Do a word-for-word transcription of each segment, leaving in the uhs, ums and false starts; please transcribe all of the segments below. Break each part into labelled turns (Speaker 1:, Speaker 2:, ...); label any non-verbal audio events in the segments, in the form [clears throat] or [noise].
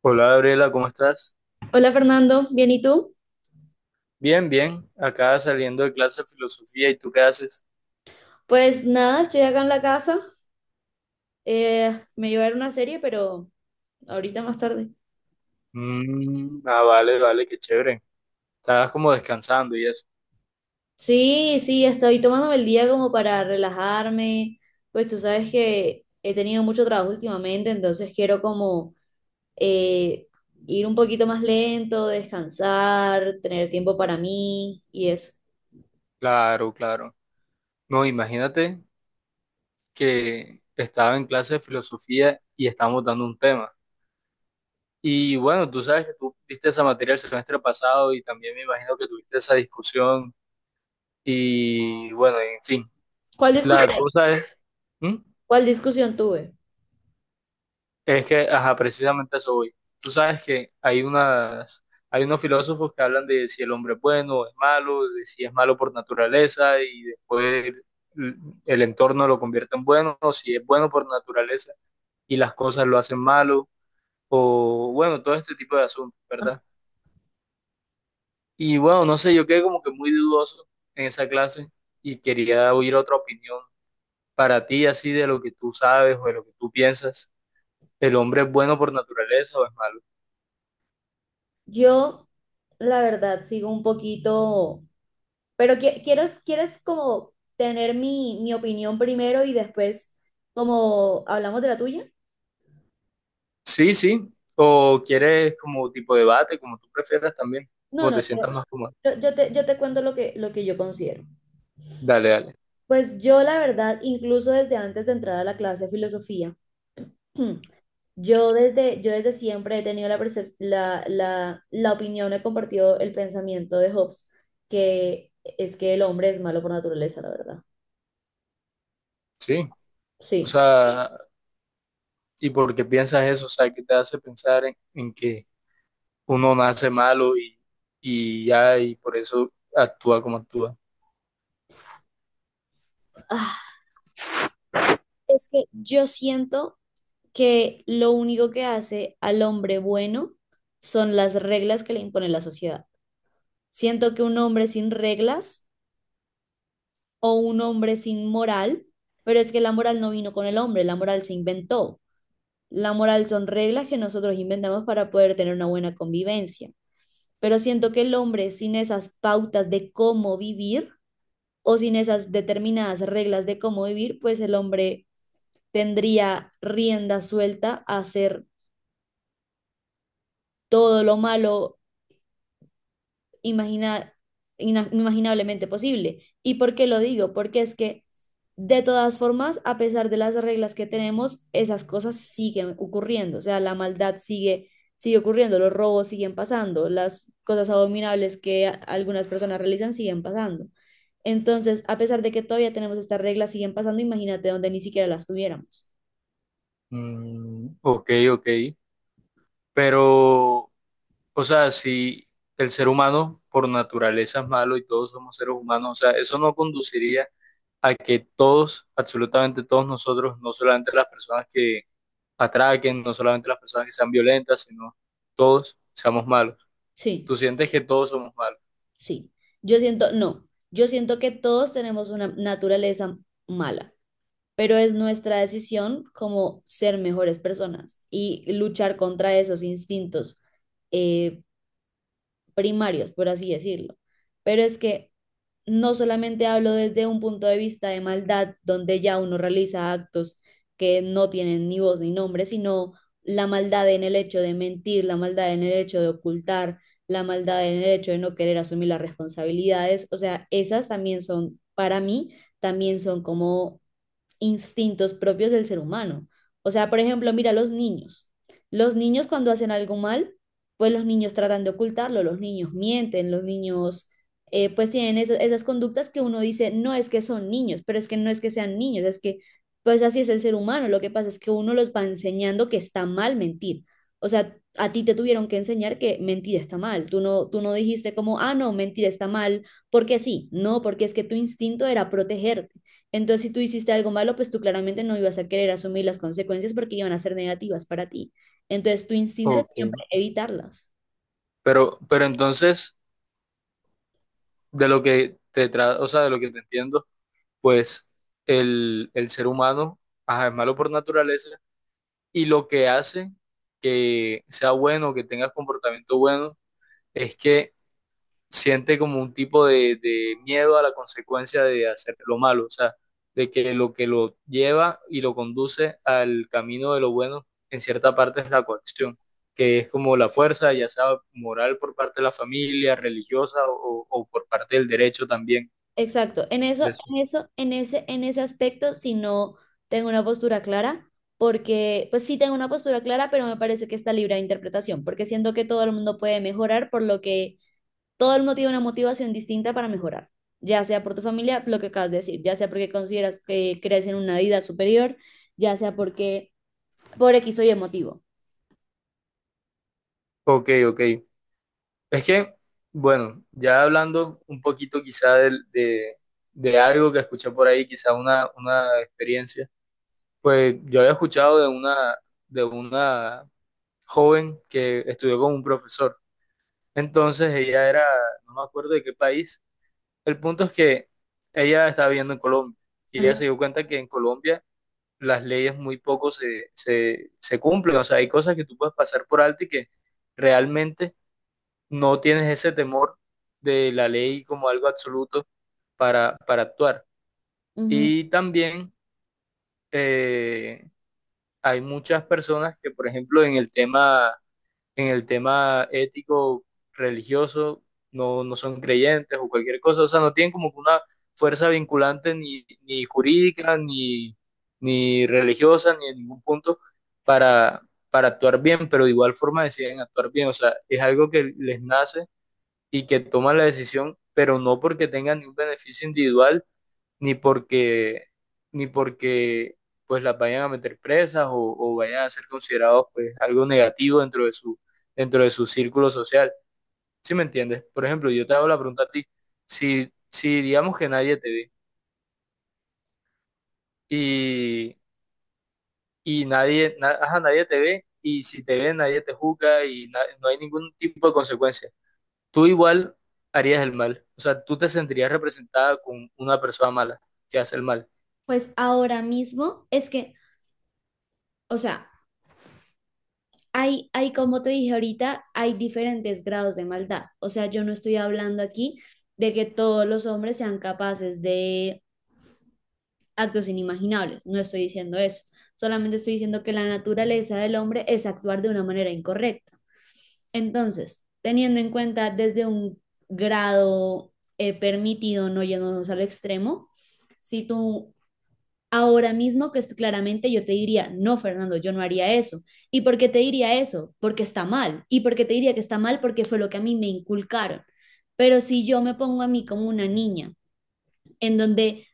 Speaker 1: Hola Gabriela, ¿cómo estás?
Speaker 2: Hola Fernando, ¿bien y tú?
Speaker 1: Bien, bien. Acá saliendo de clase de filosofía, ¿y tú qué haces?
Speaker 2: Pues nada, estoy acá en la casa. Eh, me iba a ver una serie, pero ahorita más tarde.
Speaker 1: Mm, ah, vale, vale, qué chévere. Estabas como descansando y eso.
Speaker 2: Sí, sí, estoy tomándome el día como para relajarme. Pues tú sabes que he tenido mucho trabajo últimamente, entonces quiero como eh, ir un poquito más lento, descansar, tener tiempo para mí y eso.
Speaker 1: Claro, claro. No, imagínate que estaba en clase de filosofía y estábamos dando un tema. Y bueno, tú sabes que tú viste esa materia el semestre pasado y también me imagino que tuviste esa discusión. Y bueno, en fin,
Speaker 2: ¿Cuál
Speaker 1: la
Speaker 2: discusión?
Speaker 1: cosa es... ¿Mm?
Speaker 2: ¿Cuál discusión tuve?
Speaker 1: Es que, ajá, precisamente a eso voy. Tú sabes que hay unas, hay unos filósofos que hablan de si el hombre es bueno o es malo, de si es malo por naturaleza y después el, el entorno lo convierte en bueno, o si es bueno por naturaleza y las cosas lo hacen malo, o bueno, todo este tipo de asuntos, ¿verdad? Y bueno, no sé, yo quedé como que muy dudoso en esa clase y quería oír otra opinión para ti, así de lo que tú sabes o de lo que tú piensas. ¿El hombre es bueno por naturaleza o es malo?
Speaker 2: Yo, la verdad, sigo un poquito. Pero qui- quieres, quieres como tener mi, mi opinión primero y después como hablamos de la tuya.
Speaker 1: Sí, sí. O quieres como tipo debate, como tú prefieras también,
Speaker 2: No,
Speaker 1: como
Speaker 2: no,
Speaker 1: te sientas
Speaker 2: yo,
Speaker 1: más cómodo.
Speaker 2: yo- yo te, yo te cuento lo que, lo que yo considero.
Speaker 1: Dale, dale.
Speaker 2: Pues yo la verdad, incluso desde antes de entrar a la clase de filosofía, [clears throat] yo desde, yo desde siempre he tenido la, percep- la, la, la opinión, he compartido el pensamiento de Hobbes, que es que el hombre es malo por naturaleza, la verdad.
Speaker 1: Sí. O
Speaker 2: Sí.
Speaker 1: sea, ¿y por qué piensas eso? O sea, ¿qué te hace pensar en, en que uno nace malo y, y ya, y por eso actúa como actúa?
Speaker 2: Ah, es que yo siento que lo único que hace al hombre bueno son las reglas que le impone la sociedad. Siento que un hombre sin reglas o un hombre sin moral, pero es que la moral no vino con el hombre, la moral se inventó. La moral son reglas que nosotros inventamos para poder tener una buena convivencia. Pero siento que el hombre sin esas pautas de cómo vivir o sin esas determinadas reglas de cómo vivir, pues el hombre tendría rienda suelta a hacer todo lo malo imagina, ina- inimaginablemente posible. ¿Y por qué lo digo? Porque es que de todas formas, a pesar de las reglas que tenemos, esas cosas siguen ocurriendo, o sea, la maldad sigue, sigue ocurriendo, los robos siguen pasando, las cosas abominables que a- algunas personas realizan siguen pasando. Entonces, a pesar de que todavía tenemos estas reglas, siguen pasando, imagínate donde ni siquiera las tuviéramos.
Speaker 1: Mm, ok, ok. Pero, o sea, si el ser humano por naturaleza es malo y todos somos seres humanos, o sea, eso no conduciría a que todos, absolutamente todos nosotros, no solamente las personas que atraquen, no solamente las personas que sean violentas, sino todos seamos malos.
Speaker 2: Sí,
Speaker 1: Tú sientes que todos somos malos.
Speaker 2: sí. Yo siento, no, yo siento que todos tenemos una naturaleza mala, pero es nuestra decisión como ser mejores personas y luchar contra esos instintos eh, primarios, por así decirlo. Pero es que no solamente hablo desde un punto de vista de maldad, donde ya uno realiza actos que no tienen ni voz ni nombre, sino la maldad en el hecho de mentir, la maldad en el hecho de ocultar, la maldad en el hecho de no querer asumir las responsabilidades. O sea, esas también son, para mí, también son como instintos propios del ser humano. O sea, por ejemplo, mira los niños. Los niños cuando hacen algo mal, pues los niños tratan de ocultarlo, los niños mienten, los niños eh, pues tienen esas, esas conductas que uno dice, no es que son niños, pero es que no es que sean niños, es que pues así es el ser humano. Lo que pasa es que uno los va enseñando que está mal mentir. O sea, a ti te tuvieron que enseñar que mentir está mal. Tú no, tú no dijiste como, ah, no, mentir está mal, porque sí. No, porque es que tu instinto era protegerte. Entonces, si tú hiciste algo malo, pues tú claramente no ibas a querer asumir las consecuencias porque iban a ser negativas para ti. Entonces, tu
Speaker 1: Así
Speaker 2: instinto es siempre
Speaker 1: ok.
Speaker 2: evitarlas.
Speaker 1: Pero, pero entonces, de lo que te tra- o sea, de lo que te entiendo, pues el, el ser humano, ajá, es malo por naturaleza, y lo que hace que sea bueno, que tengas comportamiento bueno, es que siente como un tipo de, de miedo a la consecuencia de hacer lo malo, o sea, de que lo que lo lleva y lo conduce al camino de lo bueno, en cierta parte es la coacción, que es como la fuerza, ya sea moral por parte de la familia, religiosa o, o por parte del derecho también.
Speaker 2: Exacto. En eso,
Speaker 1: De- eso.
Speaker 2: en eso, en ese, en ese aspecto, si no tengo una postura clara, porque, pues sí tengo una postura clara, pero me parece que está libre de interpretación, porque siento que todo el mundo puede mejorar, por lo que todo el mundo tiene una motivación distinta para mejorar, ya sea por tu familia, lo que acabas de decir, ya sea porque consideras que crees en una vida superior, ya sea porque por X o Y motivo.
Speaker 1: Ok, ok. Es que, bueno, ya hablando un poquito quizá del- de, de algo que escuché por ahí, quizá una, una experiencia, pues yo había escuchado de una, de una joven que estudió con un profesor. Entonces ella era, no me acuerdo de qué país. El punto es que ella estaba viviendo en Colombia y ella
Speaker 2: Ajá,
Speaker 1: se dio cuenta que en Colombia las leyes muy poco se, se, se cumplen. O sea, hay cosas que tú puedes pasar por alto y que realmente no tienes ese temor de la ley como algo absoluto para, para actuar.
Speaker 2: ujú.
Speaker 1: Y también eh, hay muchas personas que, por ejemplo, en el tema, en el tema ético religioso, no, no son creyentes o cualquier cosa, o sea, no tienen como que una fuerza vinculante ni, ni jurídica, ni, ni religiosa, ni en ningún punto para, para actuar bien, pero de igual forma deciden actuar bien, o sea, es algo que les nace y que toman la decisión, pero no porque tengan ningún beneficio individual, ni porque, ni porque pues las vayan a meter presas o, o vayan a ser considerados pues algo negativo dentro de su, dentro de su círculo social. ¿Sí me entiendes? Por ejemplo, yo te hago la pregunta a ti, si, si digamos que nadie te ve y, y nadie, na- ajá, nadie te ve y si te ve nadie te juzga y na- no hay ningún tipo de consecuencia. Tú igual harías el mal. O sea, tú te sentirías representada con una persona mala que hace el mal.
Speaker 2: Pues ahora mismo es que, o sea, hay, hay, como te dije ahorita, hay diferentes grados de maldad. O sea, yo no estoy hablando aquí de que todos los hombres sean capaces de actos inimaginables. No estoy diciendo eso. Solamente estoy diciendo que la naturaleza del hombre es actuar de una manera incorrecta. Entonces, teniendo en cuenta desde un grado eh, permitido, no yéndonos al extremo, si tú. Ahora mismo, que es claramente, yo te diría, no, Fernando, yo no haría eso. ¿Y por qué te diría eso? Porque está mal. ¿Y por qué te diría que está mal? Porque fue lo que a mí me inculcaron. Pero si yo me pongo a mí como una niña, en donde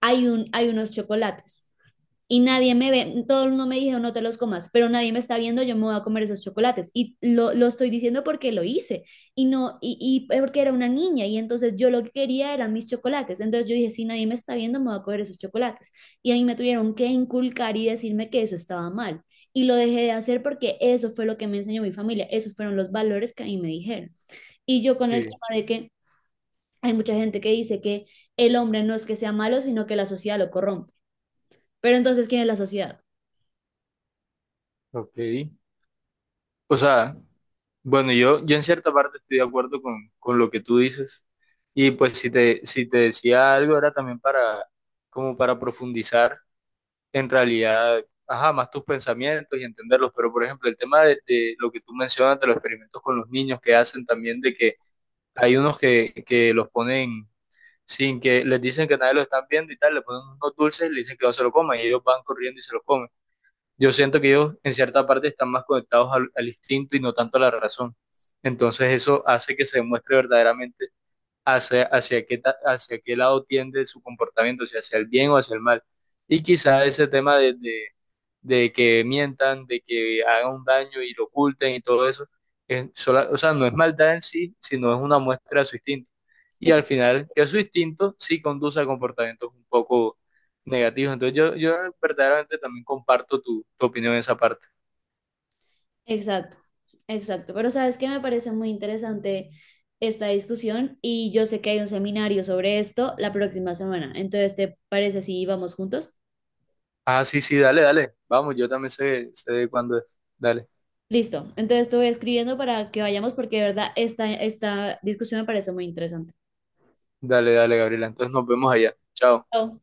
Speaker 2: hay, un, hay unos chocolates y nadie me ve, todo el mundo me dijo no te los comas, pero nadie me está viendo, yo me voy a comer esos chocolates, y lo, lo estoy diciendo porque lo hice. Y no y, y porque era una niña y entonces yo lo que quería eran mis chocolates, entonces yo dije si nadie me está viendo me voy a comer esos chocolates, y a mí me tuvieron que inculcar y decirme que eso estaba mal y lo dejé de hacer porque eso fue lo que me enseñó mi familia, esos fueron los valores que a mí me dijeron. Y yo con el
Speaker 1: Sí,
Speaker 2: tema de que hay mucha gente que dice que el hombre no es que sea malo sino que la sociedad lo corrompe, pero entonces ¿quién es la sociedad?
Speaker 1: ok. O sea, bueno, yo, yo en cierta parte estoy de acuerdo con, con lo que tú dices. Y pues si te, si te decía algo era también para, como para profundizar en realidad, ajá, más tus pensamientos y entenderlos. Pero por ejemplo, el tema de, de lo que tú mencionas de los experimentos con los niños que hacen también de que hay unos que, que los ponen sin que les dicen que nadie lo están viendo y tal, le ponen unos dulces, le dicen que no se lo coman y ellos van corriendo y se lo comen. Yo siento que ellos en cierta parte están más conectados al, al instinto y no tanto a la razón. Entonces eso hace que se demuestre verdaderamente hacia, hacia qué, ta- hacia qué lado tiende su comportamiento, si hacia el bien o hacia el mal. Y quizá ese tema de, de, de que mientan, de que hagan un daño y lo oculten y todo eso, es sola- o sea, no es maldad en sí, sino es una muestra de su instinto. Y al
Speaker 2: Exacto.
Speaker 1: final, que su instinto sí conduce a comportamientos un poco negativos. Entonces yo, yo verdaderamente también comparto tu, tu opinión en esa parte.
Speaker 2: Exacto, exacto. Pero sabes que me parece muy interesante esta discusión y yo sé que hay un seminario sobre esto la próxima semana. Entonces, ¿te parece si vamos juntos?
Speaker 1: Ah, sí, sí, dale, dale. Vamos, yo también sé, sé cuándo es. Dale,
Speaker 2: Listo. Entonces te voy escribiendo para que vayamos porque de verdad esta, esta discusión me parece muy interesante.
Speaker 1: dale, dale, Gabriela. Entonces nos vemos allá. Chao.
Speaker 2: Chao.